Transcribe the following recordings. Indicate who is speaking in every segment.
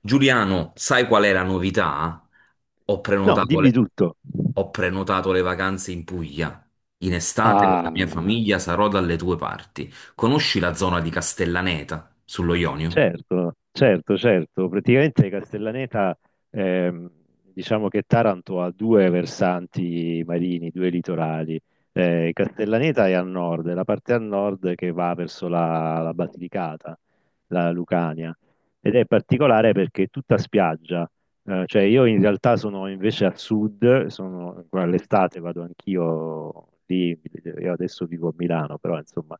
Speaker 1: Giuliano, sai qual è la novità? Ho
Speaker 2: No,
Speaker 1: prenotato
Speaker 2: dimmi
Speaker 1: le,
Speaker 2: tutto.
Speaker 1: ho prenotato le vacanze in Puglia. In estate con la mia
Speaker 2: Ah,
Speaker 1: famiglia sarò dalle tue parti. Conosci la zona di Castellaneta, sullo Ionio?
Speaker 2: certo, certo, certo. Praticamente Castellaneta, ehm, diciamo che Taranto ha due versanti marini, due litorali. Castellaneta è a nord, è la parte a nord che va verso la Basilicata, la Lucania. Ed è particolare perché è tutta spiaggia. Cioè io in realtà sono invece a sud, sono, all'estate vado anch'io lì, io adesso vivo a Milano, però insomma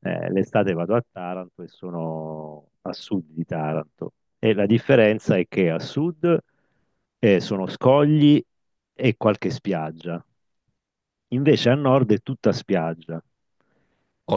Speaker 2: eh, l'estate vado a Taranto e sono a sud di Taranto. E la differenza è che a sud sono scogli e qualche spiaggia, invece a nord è tutta spiaggia,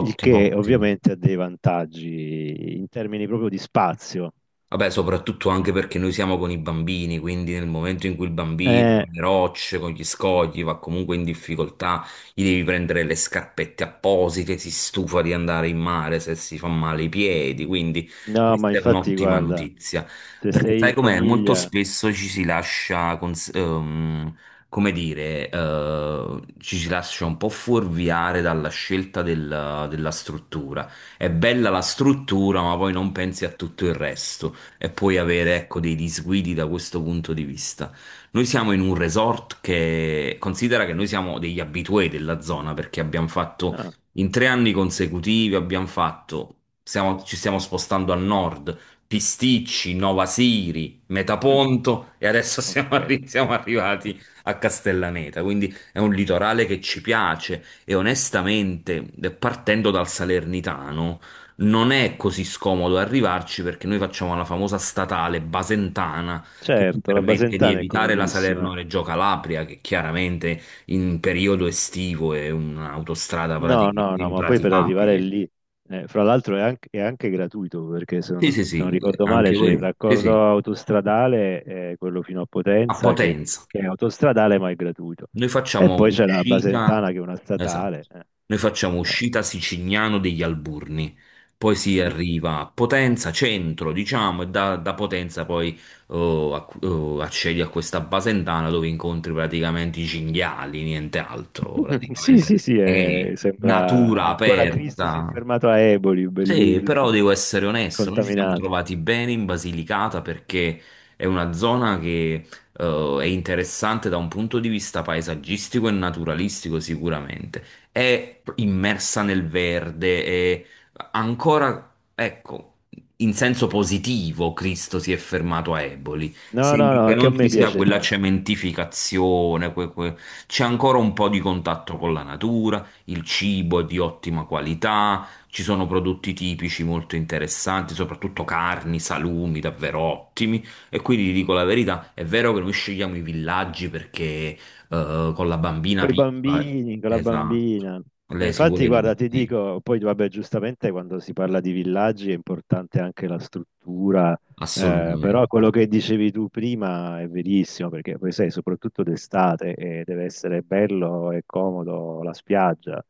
Speaker 2: il che
Speaker 1: ottimo.
Speaker 2: ovviamente ha dei vantaggi in termini proprio di spazio.
Speaker 1: Vabbè, soprattutto anche perché noi siamo con i bambini, quindi nel momento in cui il bambino
Speaker 2: Eh,
Speaker 1: con le rocce, con gli scogli va comunque in difficoltà, gli devi prendere le scarpette apposite, si stufa di andare in mare se si fa male i piedi, quindi
Speaker 2: no, ma
Speaker 1: questa è
Speaker 2: infatti,
Speaker 1: un'ottima
Speaker 2: guarda,
Speaker 1: notizia.
Speaker 2: se
Speaker 1: Perché
Speaker 2: sei
Speaker 1: sai
Speaker 2: in
Speaker 1: com'è? Molto
Speaker 2: famiglia...
Speaker 1: spesso ci si lascia, come dire, ci si lascia un po' fuorviare dalla scelta della struttura. È bella la struttura, ma poi non pensi a tutto il resto e poi avere, ecco, dei disguidi da questo punto di vista. Noi siamo in un resort che considera che noi siamo degli abitué della zona perché abbiamo fatto
Speaker 2: Ah,
Speaker 1: in 3 anni consecutivi, abbiamo fatto, ci stiamo spostando a nord, Pisticci, Nova Siri,
Speaker 2: mm,
Speaker 1: Metaponto e adesso
Speaker 2: ok.
Speaker 1: siamo arrivati a Castellaneta, quindi è un litorale che ci piace e, onestamente, partendo dal Salernitano non è
Speaker 2: Mhm.
Speaker 1: così scomodo arrivarci perché noi facciamo la famosa statale Basentana che ci
Speaker 2: Certo, la
Speaker 1: permette di
Speaker 2: Basentana è
Speaker 1: evitare la
Speaker 2: comodissima.
Speaker 1: Salerno-Reggio Calabria, che chiaramente in periodo estivo è un'autostrada
Speaker 2: No, no,
Speaker 1: praticamente
Speaker 2: no, ma poi per arrivare
Speaker 1: impraticabile.
Speaker 2: lì, fra l'altro è anche gratuito perché se non,
Speaker 1: Sì, sì,
Speaker 2: se non
Speaker 1: sì,
Speaker 2: ricordo male
Speaker 1: anche
Speaker 2: c'è il
Speaker 1: voi. Sì, sì,
Speaker 2: raccordo autostradale, quello fino a
Speaker 1: a
Speaker 2: Potenza,
Speaker 1: Potenza.
Speaker 2: che è autostradale ma è gratuito.
Speaker 1: Noi
Speaker 2: E
Speaker 1: facciamo
Speaker 2: poi c'è la
Speaker 1: uscita,
Speaker 2: Basentana che è una statale.
Speaker 1: esatto,
Speaker 2: Eh,
Speaker 1: noi facciamo
Speaker 2: eh.
Speaker 1: uscita Sicignano degli Alburni, poi si
Speaker 2: Mhm.
Speaker 1: arriva a Potenza, centro, diciamo, e da Potenza poi, oh, accedi a questa Basentana dove incontri praticamente i cinghiali, niente altro,
Speaker 2: Sì, sì,
Speaker 1: praticamente.
Speaker 2: sì,
Speaker 1: È
Speaker 2: sembra
Speaker 1: natura
Speaker 2: ancora Cristo si è
Speaker 1: aperta.
Speaker 2: fermato a Eboli,
Speaker 1: Sì, però
Speaker 2: bellissimo,
Speaker 1: devo essere onesto, noi ci, sì, siamo
Speaker 2: contaminato.
Speaker 1: trovati bene in Basilicata perché è una zona che è interessante da un punto di vista paesaggistico e naturalistico sicuramente. È immersa nel verde, è ancora, ecco, in senso positivo Cristo si è fermato a Eboli.
Speaker 2: No, no,
Speaker 1: Sembra
Speaker 2: no,
Speaker 1: che
Speaker 2: anche a
Speaker 1: non
Speaker 2: me
Speaker 1: ci sia
Speaker 2: piace
Speaker 1: quella
Speaker 2: tanto.
Speaker 1: cementificazione, c'è ancora un po' di contatto con la natura, il cibo è di ottima qualità, ci sono prodotti tipici molto interessanti, soprattutto carni, salumi davvero ottimi. E quindi ti dico la verità, è vero che noi scegliamo i villaggi perché, con la bambina
Speaker 2: Con i
Speaker 1: piccola,
Speaker 2: bambini, con la
Speaker 1: esatto,
Speaker 2: bambina. Ma
Speaker 1: lei si
Speaker 2: infatti,
Speaker 1: vuole
Speaker 2: guarda, ti
Speaker 1: divertire,
Speaker 2: dico, poi vabbè, giustamente quando si parla di villaggi è importante anche la struttura,
Speaker 1: assolutamente,
Speaker 2: però quello che dicevi tu prima è verissimo, perché poi sai, soprattutto d'estate, deve essere bello e comodo la spiaggia,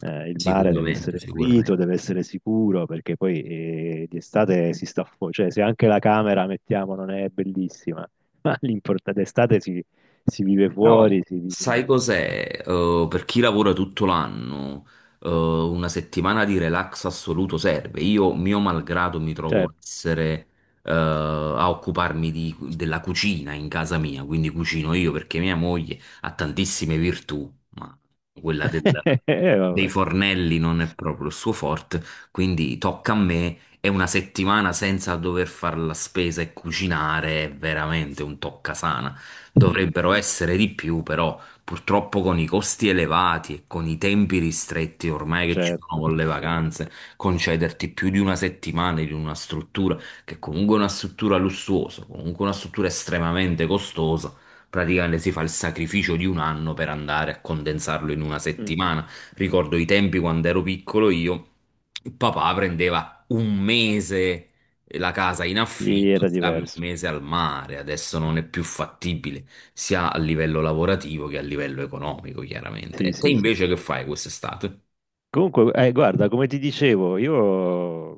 Speaker 2: il mare deve
Speaker 1: sicuramente,
Speaker 2: essere pulito,
Speaker 1: sicuramente.
Speaker 2: deve essere sicuro, perché poi di estate si sta fuori, cioè se anche la camera, mettiamo, non è bellissima, ma l'importante d'estate si si vive
Speaker 1: Però
Speaker 2: fuori, si vive...
Speaker 1: sai cos'è? Per chi lavora tutto l'anno, una settimana di relax assoluto serve. Io, mio malgrado, mi trovo a
Speaker 2: Certo.
Speaker 1: essere, a occuparmi della cucina in casa mia, quindi cucino io perché mia moglie ha tantissime virtù, ma quella dei
Speaker 2: Vabbè.
Speaker 1: fornelli non è proprio il suo forte, quindi tocca a me. E una settimana senza dover fare la spesa e cucinare è veramente un toccasana. Dovrebbero essere di più, però purtroppo con i costi elevati e con i tempi ristretti ormai che ci sono
Speaker 2: Certo.
Speaker 1: con le vacanze, concederti più di una settimana in una struttura che comunque è una struttura lussuosa, comunque una struttura estremamente costosa, praticamente si fa il sacrificio di un anno per andare a condensarlo in una
Speaker 2: Mm-mm.
Speaker 1: settimana. Ricordo i tempi quando ero piccolo io, il papà prendeva un mese la casa in
Speaker 2: Sì,
Speaker 1: affitto,
Speaker 2: era
Speaker 1: stavi un
Speaker 2: diverso.
Speaker 1: mese al mare, adesso non è più fattibile sia a livello lavorativo che a livello economico, chiaramente.
Speaker 2: Sì,
Speaker 1: E te
Speaker 2: sì, sì.
Speaker 1: invece che fai quest'estate?
Speaker 2: Comunque, guarda, come ti dicevo, io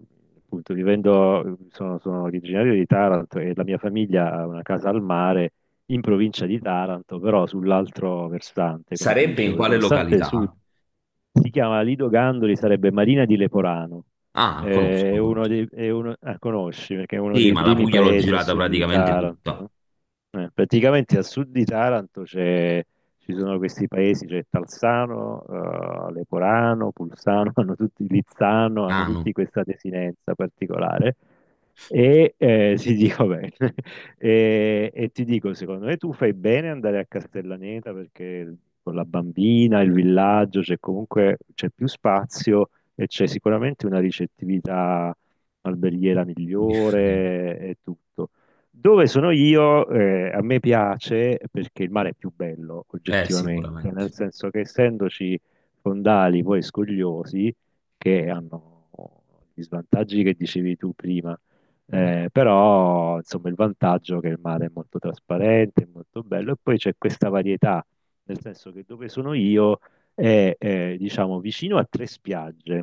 Speaker 2: appunto vivendo, sono, sono originario di Taranto e la mia famiglia ha una casa al mare in provincia di Taranto, però sull'altro versante, come ti
Speaker 1: Sarebbe in
Speaker 2: dicevo, il
Speaker 1: quale
Speaker 2: versante sud
Speaker 1: località?
Speaker 2: si chiama Lido Gandoli, sarebbe Marina di Leporano.
Speaker 1: Ah, conosco,
Speaker 2: È uno
Speaker 1: conosco.
Speaker 2: dei, è uno- ah, conosci perché è uno
Speaker 1: Sì,
Speaker 2: dei
Speaker 1: ma la
Speaker 2: primi
Speaker 1: Puglia l'ho
Speaker 2: paesi a
Speaker 1: girata
Speaker 2: sud di
Speaker 1: praticamente
Speaker 2: Taranto,
Speaker 1: tutta.
Speaker 2: no? Praticamente a sud di Taranto c'è- ci sono questi paesi, c'è Talsano, Leporano, Pulsano, hanno tutti Lizzano, hanno
Speaker 1: Ah, no,
Speaker 2: tutti questa desinenza particolare. E ti dico bene, e ti dico, secondo me tu fai bene ad andare a Castellaneta perché con la bambina, il villaggio, c'è comunque c'è più spazio e c'è sicuramente una ricettività alberghiera
Speaker 1: differente.
Speaker 2: migliore e tutto. Dove sono io, a me piace perché il mare è più bello oggettivamente,
Speaker 1: Sicuramente.
Speaker 2: nel senso che essendoci fondali poi scogliosi che hanno gli svantaggi che dicevi tu prima, però insomma il vantaggio è che il mare è molto trasparente, è molto bello e poi c'è questa varietà, nel senso che dove sono io è diciamo vicino a tre spiagge.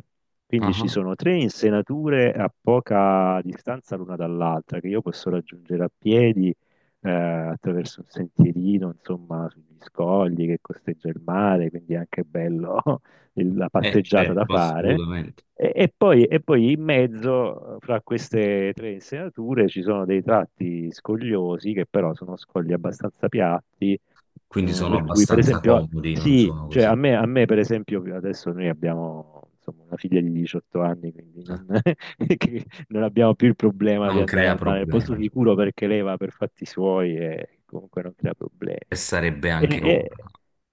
Speaker 1: Ah,
Speaker 2: Quindi ci
Speaker 1: ah.
Speaker 2: sono tre insenature a poca distanza l'una dall'altra che io posso raggiungere a piedi attraverso un sentierino, insomma, sugli scogli che costeggia il mare, quindi è anche bello il- la passeggiata da
Speaker 1: Certo,
Speaker 2: fare.
Speaker 1: assolutamente.
Speaker 2: E, e poi in mezzo, fra queste tre insenature, ci sono dei tratti scogliosi che però sono scogli abbastanza piatti
Speaker 1: Quindi
Speaker 2: mm,
Speaker 1: sono
Speaker 2: per cui, per
Speaker 1: abbastanza
Speaker 2: esempio,
Speaker 1: comodi, non
Speaker 2: sì,
Speaker 1: sono
Speaker 2: cioè a
Speaker 1: così.
Speaker 2: me, a me, per esempio, adesso noi abbiamo insomma, una figlia di 18 anni, quindi
Speaker 1: Eh,
Speaker 2: non, che non abbiamo più il problema di
Speaker 1: Non
Speaker 2: andare
Speaker 1: crea
Speaker 2: al mare, al posto
Speaker 1: problemi.
Speaker 2: sicuro perché lei va per fatti suoi e comunque non crea
Speaker 1: E
Speaker 2: problemi.
Speaker 1: sarebbe anche ora.
Speaker 2: E-
Speaker 1: Ma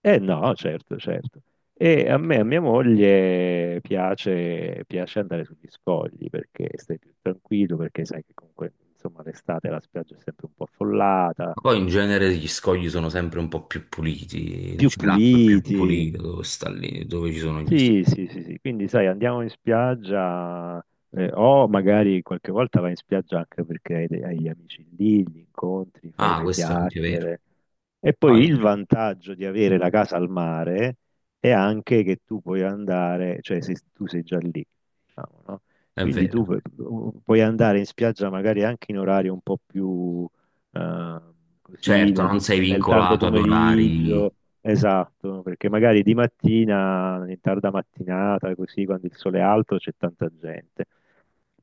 Speaker 2: no, certo, certo. E a me, a mia moglie piace, piace andare sugli scogli perché stai più tranquillo, perché sai che comunque, insomma, l'estate la spiaggia è sempre un po' affollata,
Speaker 1: poi in genere gli scogli sono sempre un po' più puliti,
Speaker 2: più
Speaker 1: cioè l'acqua è più
Speaker 2: puliti.
Speaker 1: pulita dove sta lì, dove ci sono gli scogli.
Speaker 2: Sì, sì, sì, sì. Quindi sai, andiamo in spiaggia o magari qualche volta vai in spiaggia anche perché hai, de- hai gli amici lì, li incontri, fai
Speaker 1: Ah,
Speaker 2: due
Speaker 1: questo è anche vero.
Speaker 2: chiacchiere. E
Speaker 1: Ah,
Speaker 2: poi
Speaker 1: sì,
Speaker 2: il vantaggio di avere la casa al mare è anche che tu puoi andare, cioè se tu sei già lì, diciamo, no?
Speaker 1: è
Speaker 2: Quindi tu
Speaker 1: vero.
Speaker 2: pu- puoi andare in spiaggia magari anche in orari un po' più eh, così,
Speaker 1: Certo,
Speaker 2: nel
Speaker 1: non sei
Speaker 2: nel tardo
Speaker 1: vincolato ad orari.
Speaker 2: pomeriggio esatto, perché magari di mattina, in tarda mattinata, così quando il sole è alto c'è tanta gente.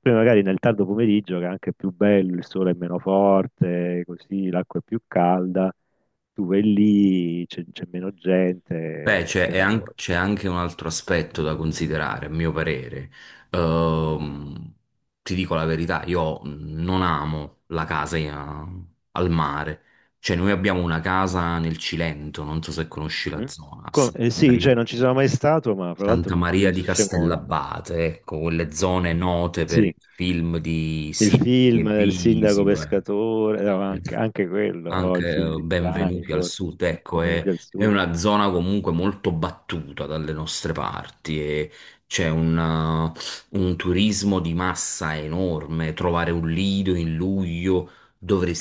Speaker 2: Poi magari nel tardo pomeriggio, che è anche più bello, il sole è meno forte, così l'acqua è più calda, tu vai lì, c'è meno gente,
Speaker 1: Beh,
Speaker 2: e
Speaker 1: c'è
Speaker 2: te
Speaker 1: è
Speaker 2: la
Speaker 1: an-
Speaker 2: godi.
Speaker 1: c'è anche un altro aspetto da considerare, a mio parere. Ehm, Ti dico la verità, io non amo la casa al mare. Cioè, noi abbiamo una casa nel Cilento, non so se conosci la
Speaker 2: Mhm.
Speaker 1: zona, a
Speaker 2: Co-
Speaker 1: Santa
Speaker 2: sì, cioè
Speaker 1: Maria,
Speaker 2: non ci sono mai stato, ma fra l'altro
Speaker 1: Santa
Speaker 2: mi
Speaker 1: Maria di
Speaker 2: incuriosisce molto.
Speaker 1: Castellabate, ecco, quelle zone note per
Speaker 2: Sì,
Speaker 1: il film di
Speaker 2: il
Speaker 1: Sidney e
Speaker 2: film del sindaco
Speaker 1: Visio.
Speaker 2: pescatore, no, anche, anche quello, o il
Speaker 1: Anche
Speaker 2: film di Piani,
Speaker 1: Benvenuti al
Speaker 2: forse,
Speaker 1: Sud, ecco, è,
Speaker 2: Benvenuti al
Speaker 1: è
Speaker 2: Sud.
Speaker 1: una zona comunque molto battuta dalle nostre parti e c'è eh, un turismo di massa enorme, trovare un lido in luglio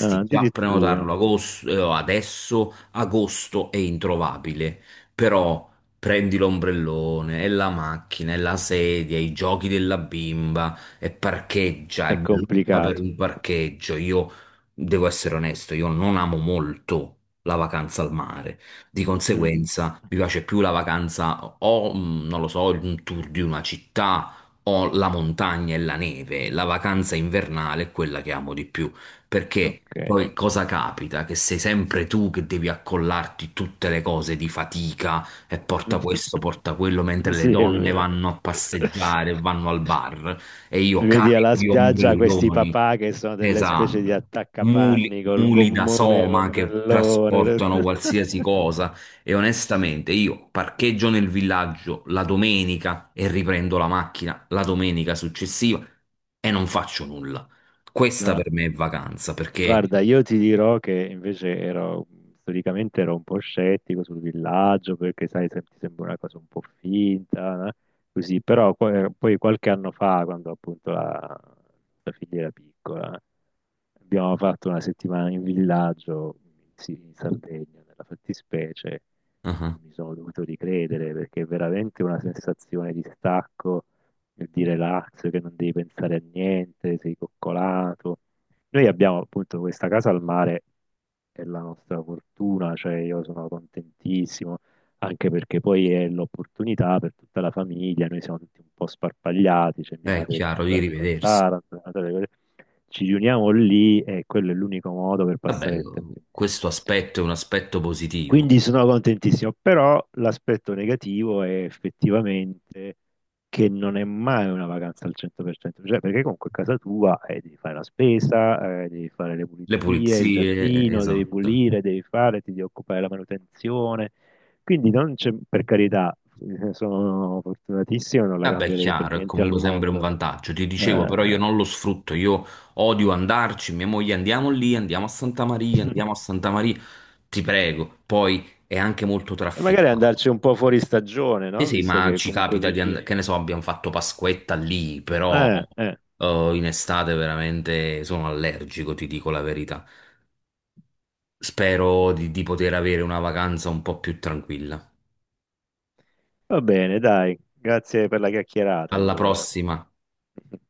Speaker 2: Ah,
Speaker 1: già
Speaker 2: addirittura
Speaker 1: prenotarlo, adesso, agosto è introvabile, però prendi l'ombrellone e la macchina e la sedia, i giochi della bimba e parcheggia,
Speaker 2: è
Speaker 1: e lotta per
Speaker 2: complicato.
Speaker 1: un parcheggio. Io devo essere onesto, io non amo molto la vacanza al mare. Di
Speaker 2: Mm,
Speaker 1: conseguenza, mi piace più la vacanza o, non lo so, un tour di una città o la montagna e la neve. La vacanza invernale è quella che amo di più, perché
Speaker 2: ok.
Speaker 1: poi cosa capita? Che sei sempre tu che devi accollarti tutte le cose di fatica e
Speaker 2: Mm.
Speaker 1: porta questo, porta quello, mentre le
Speaker 2: Sì, è
Speaker 1: donne
Speaker 2: vero.
Speaker 1: vanno a passeggiare, vanno al bar e io
Speaker 2: Vedi alla
Speaker 1: carico di
Speaker 2: spiaggia questi
Speaker 1: ombrelloni.
Speaker 2: papà che sono delle specie di
Speaker 1: Esatto, muli,
Speaker 2: attaccapanni col
Speaker 1: muli da
Speaker 2: gommone e
Speaker 1: soma che
Speaker 2: l'ombrellone.
Speaker 1: trasportano qualsiasi cosa, e onestamente io parcheggio nel villaggio la domenica e riprendo la macchina la domenica successiva e non faccio nulla. Questa
Speaker 2: No,
Speaker 1: per me è vacanza. Perché,
Speaker 2: guarda, io ti dirò che invece ero, storicamente ero un po' scettico sul villaggio perché, sai, se- ti sembra una cosa un po' finta, no? Così, però poi qualche anno fa, quando appunto la, la figlia era piccola, abbiamo fatto una settimana in villaggio, sì, in Sardegna, nella fattispecie, e
Speaker 1: ah,
Speaker 2: mi sono dovuto ricredere perché è veramente una sensazione di stacco, e di relax, che non devi pensare a niente, sei coccolato. Noi abbiamo appunto questa casa al mare, è la nostra fortuna, cioè io sono contentissimo, anche perché poi è l'opportunità per tutta la famiglia, noi siamo tutti un po' sparpagliati, c'è mia
Speaker 1: è
Speaker 2: madre che
Speaker 1: chiaro, di
Speaker 2: ancora giù a
Speaker 1: rivedersi.
Speaker 2: Taranto, mia madre- ci riuniamo lì e quello è l'unico modo per passare
Speaker 1: Vabbè,
Speaker 2: il tempo insieme.
Speaker 1: questo aspetto è un aspetto positivo.
Speaker 2: Quindi sono contentissimo, però l'aspetto negativo è effettivamente che non è mai una vacanza al 100%, cioè perché comunque a casa tua devi fare la spesa, devi fare le
Speaker 1: Le
Speaker 2: pulizie, il
Speaker 1: pulizie,
Speaker 2: giardino, devi
Speaker 1: esatto.
Speaker 2: pulire, devi fare, ti devi occupare della manutenzione. Quindi non c'è, per carità, sono fortunatissimo, non la
Speaker 1: Ah beh, è
Speaker 2: cambierei per
Speaker 1: chiaro, è
Speaker 2: niente al
Speaker 1: comunque sempre un
Speaker 2: mondo.
Speaker 1: vantaggio. Ti dicevo, però io
Speaker 2: Eh,
Speaker 1: non lo sfrutto, io odio andarci, mia moglie andiamo lì, andiamo a Santa Maria, andiamo a Santa Maria, ti prego. Poi è anche molto
Speaker 2: e magari
Speaker 1: trafficato.
Speaker 2: andarci un po' fuori stagione,
Speaker 1: Sì,
Speaker 2: no?
Speaker 1: sì,
Speaker 2: Visto
Speaker 1: ma
Speaker 2: che è
Speaker 1: ci
Speaker 2: comunque
Speaker 1: capita di
Speaker 2: vicino.
Speaker 1: andare, che ne so, abbiamo fatto Pasquetta lì, però
Speaker 2: Eh.
Speaker 1: in estate veramente sono allergico, ti dico la verità. Spero di poter avere una vacanza un po' più tranquilla.
Speaker 2: Va bene, dai, grazie per la chiacchierata
Speaker 1: Alla
Speaker 2: allora.
Speaker 1: prossima.